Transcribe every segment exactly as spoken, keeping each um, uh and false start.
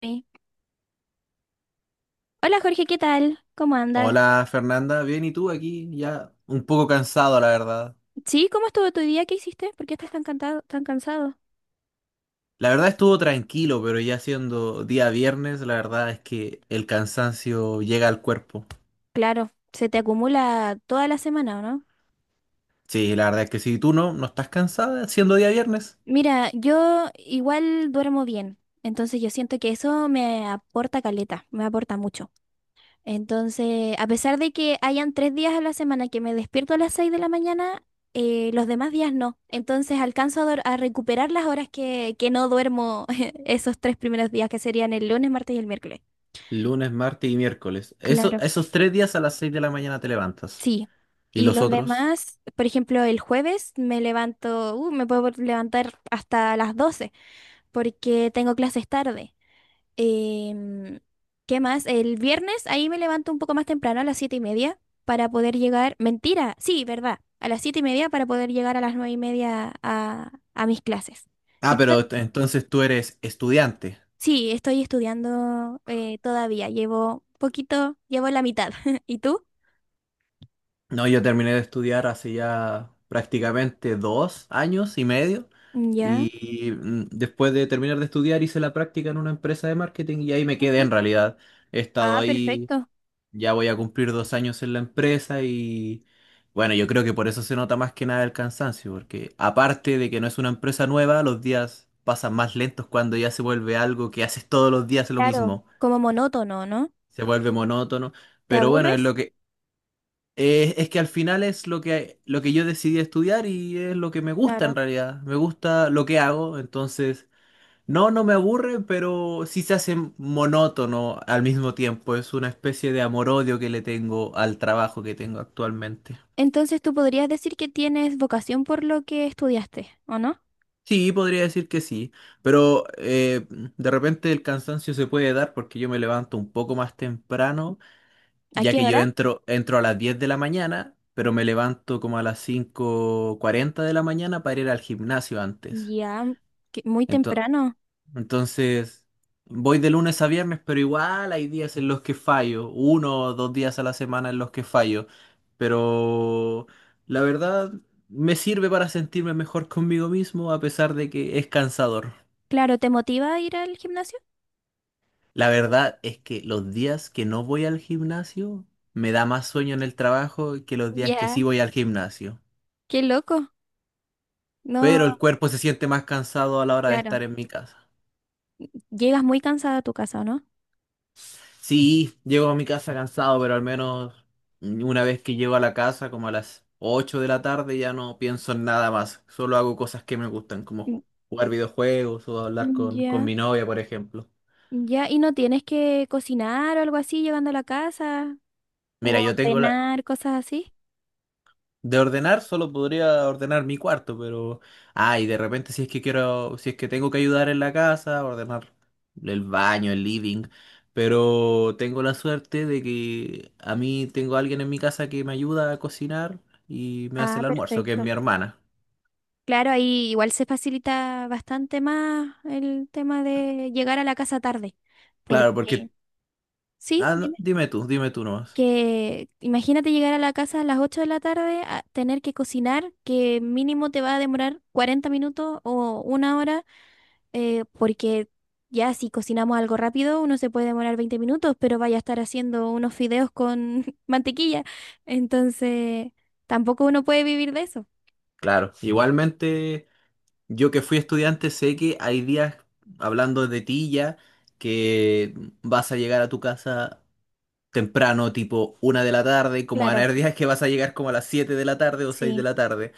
Sí. Hola Jorge, ¿qué tal? ¿Cómo andas? Hola Fernanda, bien, ¿y tú aquí? Ya un poco cansado, la verdad. Sí, ¿cómo estuvo tu día? ¿Qué hiciste? ¿Por qué estás tan cantado, tan cansado? La verdad estuvo tranquilo, pero ya siendo día viernes, la verdad es que el cansancio llega al cuerpo. Claro, se te acumula toda la semana, ¿o no? Sí, la verdad es que si tú no, no estás cansada siendo día viernes. Mira, yo igual duermo bien, entonces yo siento que eso me aporta caleta, me aporta mucho. Entonces, a pesar de que hayan tres días a la semana que me despierto a las seis de la mañana, eh, los demás días no. Entonces alcanzo a, dor- a recuperar las horas que, que no duermo esos tres primeros días, que serían el lunes, martes y el miércoles. Lunes, martes y miércoles. Eso, Claro. esos tres días a las seis de la mañana te levantas. Sí. ¿Y Y los los otros? demás, por ejemplo, el jueves me levanto, uh, me puedo levantar hasta las doce porque tengo clases tarde. Em, ¿qué más? El viernes ahí me levanto un poco más temprano a las siete y media para poder llegar, mentira, sí, verdad, a las siete y media para poder llegar a las nueve y media a, a mis clases. Ah, Y to- pero ent- entonces tú eres estudiante. sí, estoy estudiando eh, todavía, llevo poquito, llevo la mitad. ¿Y tú? No, yo terminé de estudiar hace ya prácticamente dos años y medio Ya. y mm, después de terminar de estudiar hice la práctica en una empresa de marketing y ahí me quedé Ujú. en realidad. He estado Ah, ahí, perfecto. ya voy a cumplir dos años en la empresa y bueno, yo creo que por eso se nota más que nada el cansancio, porque aparte de que no es una empresa nueva, los días pasan más lentos cuando ya se vuelve algo que haces todos los días lo Claro, mismo, como monótono, ¿no? se vuelve monótono. ¿Te Pero bueno, es aburres? lo que, eh, es que al final es lo que, lo que yo decidí estudiar y es lo que me gusta Claro. en realidad. Me gusta lo que hago, entonces no, no me aburre, pero sí se hace monótono al mismo tiempo. Es una especie de amor-odio que le tengo al trabajo que tengo actualmente. Entonces tú podrías decir que tienes vocación por lo que estudiaste, ¿o no? Sí, podría decir que sí, pero eh, de repente el cansancio se puede dar porque yo me levanto un poco más temprano ¿A ya qué que yo hora? entro, entro a las diez de la mañana, pero me levanto como a las cinco cuarenta de la mañana para ir al gimnasio antes. Ya, que- muy Ento- temprano. entonces, voy de lunes a viernes, pero igual hay días en los que fallo, uno o dos días a la semana en los que fallo, pero la verdad me sirve para sentirme mejor conmigo mismo a pesar de que es cansador. Claro, ¿te motiva a ir al gimnasio? La verdad es que los días que no voy al gimnasio me da más sueño en el trabajo que los días que Ya. sí voy al gimnasio. Qué loco. No, Pero el cuerpo se siente más cansado a la hora de claro. estar en mi casa. Llegas muy cansada a tu casa, ¿o no? Sí, llego a mi casa cansado, pero al menos una vez que llego a la casa, como a las ocho de la tarde, ya no pienso en nada más. Solo hago cosas que me gustan, como Mm, jugar videojuegos o hablar mm, con, con ya, mi novia, por ejemplo. ya. ¿Y no tienes que cocinar o algo así llegando a la casa? ¿O Mira, yo tengo la, ordenar cosas así? de ordenar, solo podría ordenar mi cuarto, pero. Ah, y de repente, si es que quiero. Si es que tengo que ayudar en la casa, ordenar el baño, el living. Pero tengo la suerte de que a mí tengo alguien en mi casa que me ayuda a cocinar y me hace Ah, el almuerzo, que es perfecto. mi hermana. Claro, ahí igual se facilita bastante más el tema de llegar a la casa tarde. Claro, Porque, porque. sí, Ah, no, dime, dime tú, dime tú nomás. que imagínate llegar a la casa a las ocho de la tarde, a tener que cocinar, que mínimo te va a demorar cuarenta minutos o una hora, eh, porque ya si cocinamos algo rápido, uno se puede demorar veinte minutos, pero vaya a estar haciendo unos fideos con mantequilla. Entonces, tampoco uno puede vivir de eso. Claro, igualmente, yo que fui estudiante, sé que hay días, hablando de ti ya, que vas a llegar a tu casa temprano, tipo una de la tarde, como van a Claro, haber días que vas a llegar como a las siete de la tarde o seis de sí. la tarde.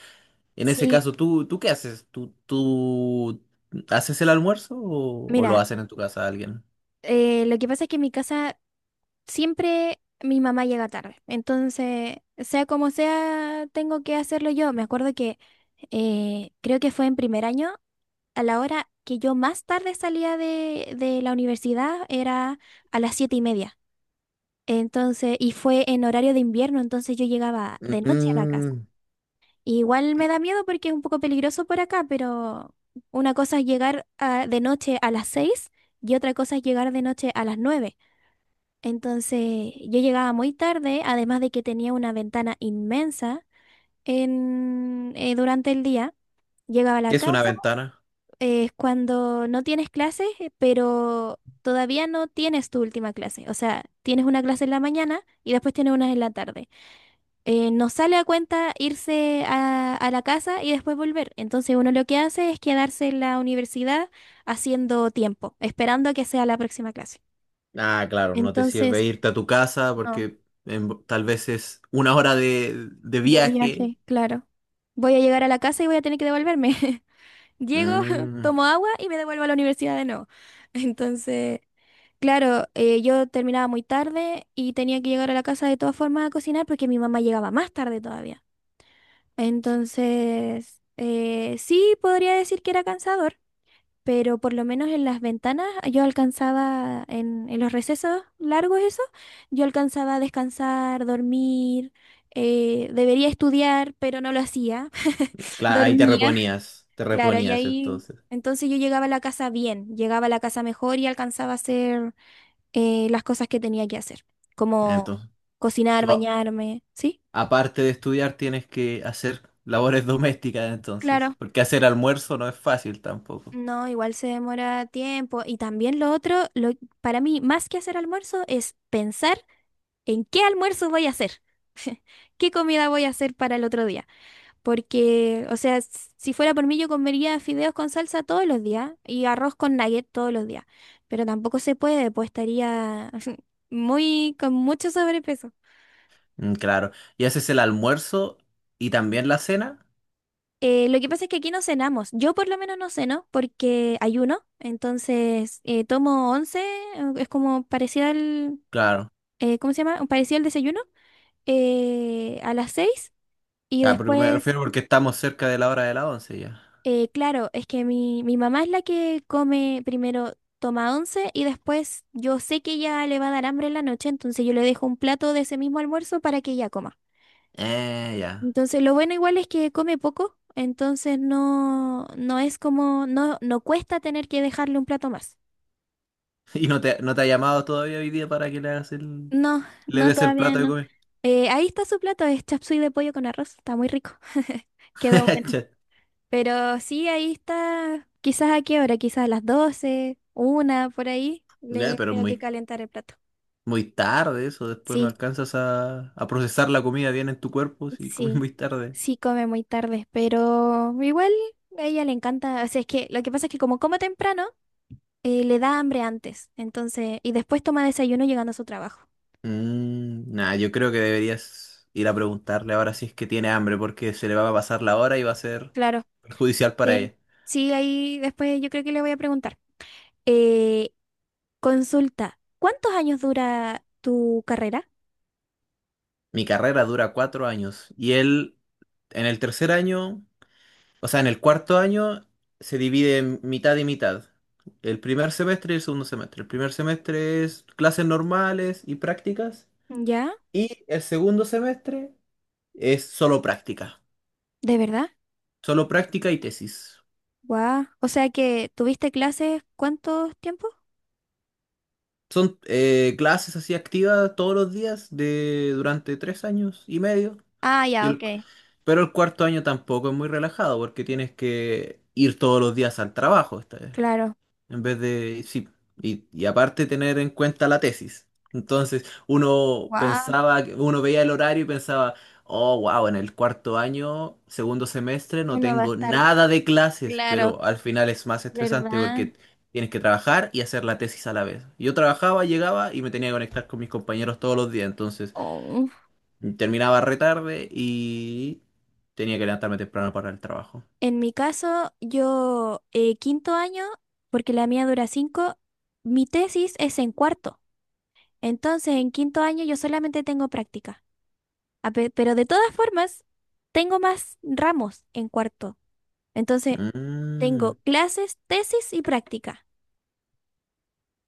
En ese Sí, caso, ¿tú, tú qué haces? ¿Tú, tú haces el almuerzo o, o lo mira. hacen en tu casa alguien? Eh, lo que pasa es que en mi casa siempre mi mamá llega tarde. Entonces, sea como sea, tengo que hacerlo yo. Me acuerdo que eh, creo que fue en primer año, a la hora que yo más tarde salía de, de la universidad era a las siete y media. Entonces, y fue en horario de invierno, entonces yo llegaba de noche a la casa. Mm. Igual me da miedo porque es un poco peligroso por acá, pero una cosa es llegar ah, de noche a las seis y otra cosa es llegar de noche a las nueve. Entonces yo llegaba muy tarde, además de que tenía una ventana inmensa en, eh, durante el día. Llegaba a la ¿Qué es una casa, ventana? eh, es cuando no tienes clases, eh, pero todavía no tienes tu última clase. O sea, tienes una clase en la mañana y después tienes una en la tarde. Eh, no sale a cuenta irse a, a la casa y después volver. Entonces uno lo que hace es quedarse en la universidad haciendo tiempo, esperando a que sea la próxima clase. Ah, claro, no te sirve Entonces, irte a tu casa no. porque en- tal vez es una hora de, de De viaje. viaje, claro. Voy a llegar a la casa y voy a tener que devolverme. Llego, Mm, tomo agua y me devuelvo a la universidad de nuevo. Entonces, claro, eh, yo terminaba muy tarde y tenía que llegar a la casa de todas formas a cocinar porque mi mamá llegaba más tarde todavía. Entonces, eh, sí podría decir que era cansador, pero por lo menos en las ventanas yo alcanzaba, en, en los recesos largos eso, yo alcanzaba a descansar, dormir, eh, debería estudiar, pero no lo hacía, cla- ahí te dormía, reponías, te claro, y reponías ahí entonces. entonces yo llegaba a la casa bien, llegaba a la casa mejor y alcanzaba a hacer eh, las cosas que tenía que hacer, Ah, como entonces, cocinar, tú, bañarme, ¿sí? aparte de estudiar, tienes que hacer labores domésticas entonces, Claro. porque hacer almuerzo no es fácil tampoco. No, igual se demora tiempo. Y también lo otro, lo, para mí, más que hacer almuerzo, es pensar ¿en qué almuerzo voy a hacer? ¿Qué comida voy a hacer para el otro día? Porque, o sea, s- si fuera por mí, yo comería fideos con salsa todos los días y arroz con nugget todos los días. Pero tampoco se puede, pues estaría muy, con mucho sobrepeso. Mm, claro. ¿Y haces el almuerzo y también la cena? Eh, lo que pasa es que aquí no cenamos. Yo por lo menos no ceno porque ayuno. Entonces, eh, tomo once, eh, es como parecido al, Claro. eh, ¿cómo se llama? Parecido al desayuno, eh, a las seis y Ya, porque me después. refiero porque estamos cerca de la hora de la once ya. Eh, claro, es que mi, mi mamá es la que come primero, toma once y después yo sé que ella le va a dar hambre en la noche, entonces yo le dejo un plato de ese mismo almuerzo para que ella coma. Eh, ya. Entonces lo bueno igual es que come poco, entonces no, no es como, no, no cuesta tener que dejarle un plato más. ¿Y no te, no te ha llamado todavía hoy día para que le hagas el, No, le no, des el todavía plato de no. comer? Eh, ahí está su plato, es chapsui de pollo con arroz, está muy rico. Quedó bueno. Che. Pero sí, ahí está. Quizás a qué hora, quizás a las doce una, por ahí. Ya, Le pero es tengo que muy, calentar el plato. muy tarde eso, después no Sí, alcanzas a, a procesar la comida bien en tu cuerpo si comes sí, muy tarde. sí come muy tarde, pero igual a ella le encanta. O sea, es que lo que pasa es que como come temprano, eh, le da hambre antes. Entonces, y después toma desayuno llegando a su trabajo. Mm, nah, yo creo que deberías ir a preguntarle ahora si es que tiene hambre, porque se le va a pasar la hora y va a ser Claro, perjudicial para sí. ella. Sí, ahí después yo creo que le voy a preguntar. Eh, consulta, ¿cuántos años dura tu carrera? Mi carrera dura cuatro años y él en el tercer año, o sea, en el cuarto año se divide en mitad y mitad. El primer semestre y el segundo semestre. El primer semestre es clases normales y prácticas ¿Ya? y el segundo semestre es solo práctica. ¿De verdad? Solo práctica y tesis. Guau. O sea que tuviste clases, ¿cuántos tiempos? Son eh, clases así activas todos los días de durante tres años y medio. Ah, Y ya, ok. el- pero el cuarto año tampoco es muy relajado porque tienes que ir todos los días al trabajo esta vez. Claro. En vez de, sí, y, y aparte tener en cuenta la tesis. Entonces, uno Guau. pensaba, que- uno veía el horario y pensaba, oh, wow, en el cuarto año, segundo semestre, no Uno va a tengo estar nada de clases, claro, pero al final es más estresante ¿verdad? porque tienes que trabajar y hacer la tesis a la vez. Yo trabajaba, llegaba y me tenía que conectar con mis compañeros todos los días, entonces Oh. terminaba re tarde y tenía que levantarme temprano para el trabajo. En mi caso, yo eh, quinto año, porque la mía dura cinco, mi tesis es en cuarto. Entonces, en quinto año yo solamente tengo práctica. A pe- Pero de todas formas, tengo más ramos en cuarto. Entonces, Mm. tengo clases, tesis y práctica.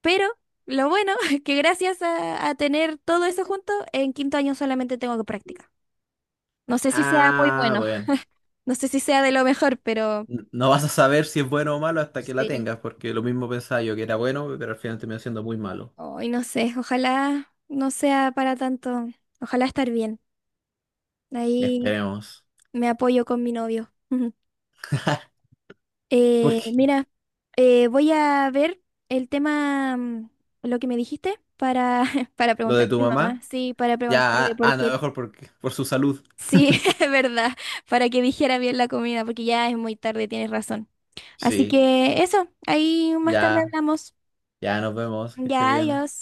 Pero lo bueno es que gracias a, a tener todo eso junto, en quinto año solamente tengo que practicar. No sé si sea muy Ah, bueno, bueno. no sé si sea de lo mejor, pero n- No vas a saber si es bueno o malo hasta que la sí. tengas, porque lo mismo pensaba yo que era bueno, pero al final terminó siendo muy malo. Hoy no sé, ojalá no sea para tanto. Ojalá estar bien. Ahí Esperemos. me apoyo con mi novio. Eh, Porque mira, eh, voy a ver el tema, mm, lo que me dijiste, para, para lo de preguntarle tu a mi mamá. mamá, Sí, para ya, preguntarle, a- anda porque mejor porque, por su salud. sí, es verdad, para que dijera bien la comida, porque ya es muy tarde, tienes razón. Así Sí, que eso, ahí más tarde ya, hablamos. ya nos vemos, que estés Ya, bien. adiós.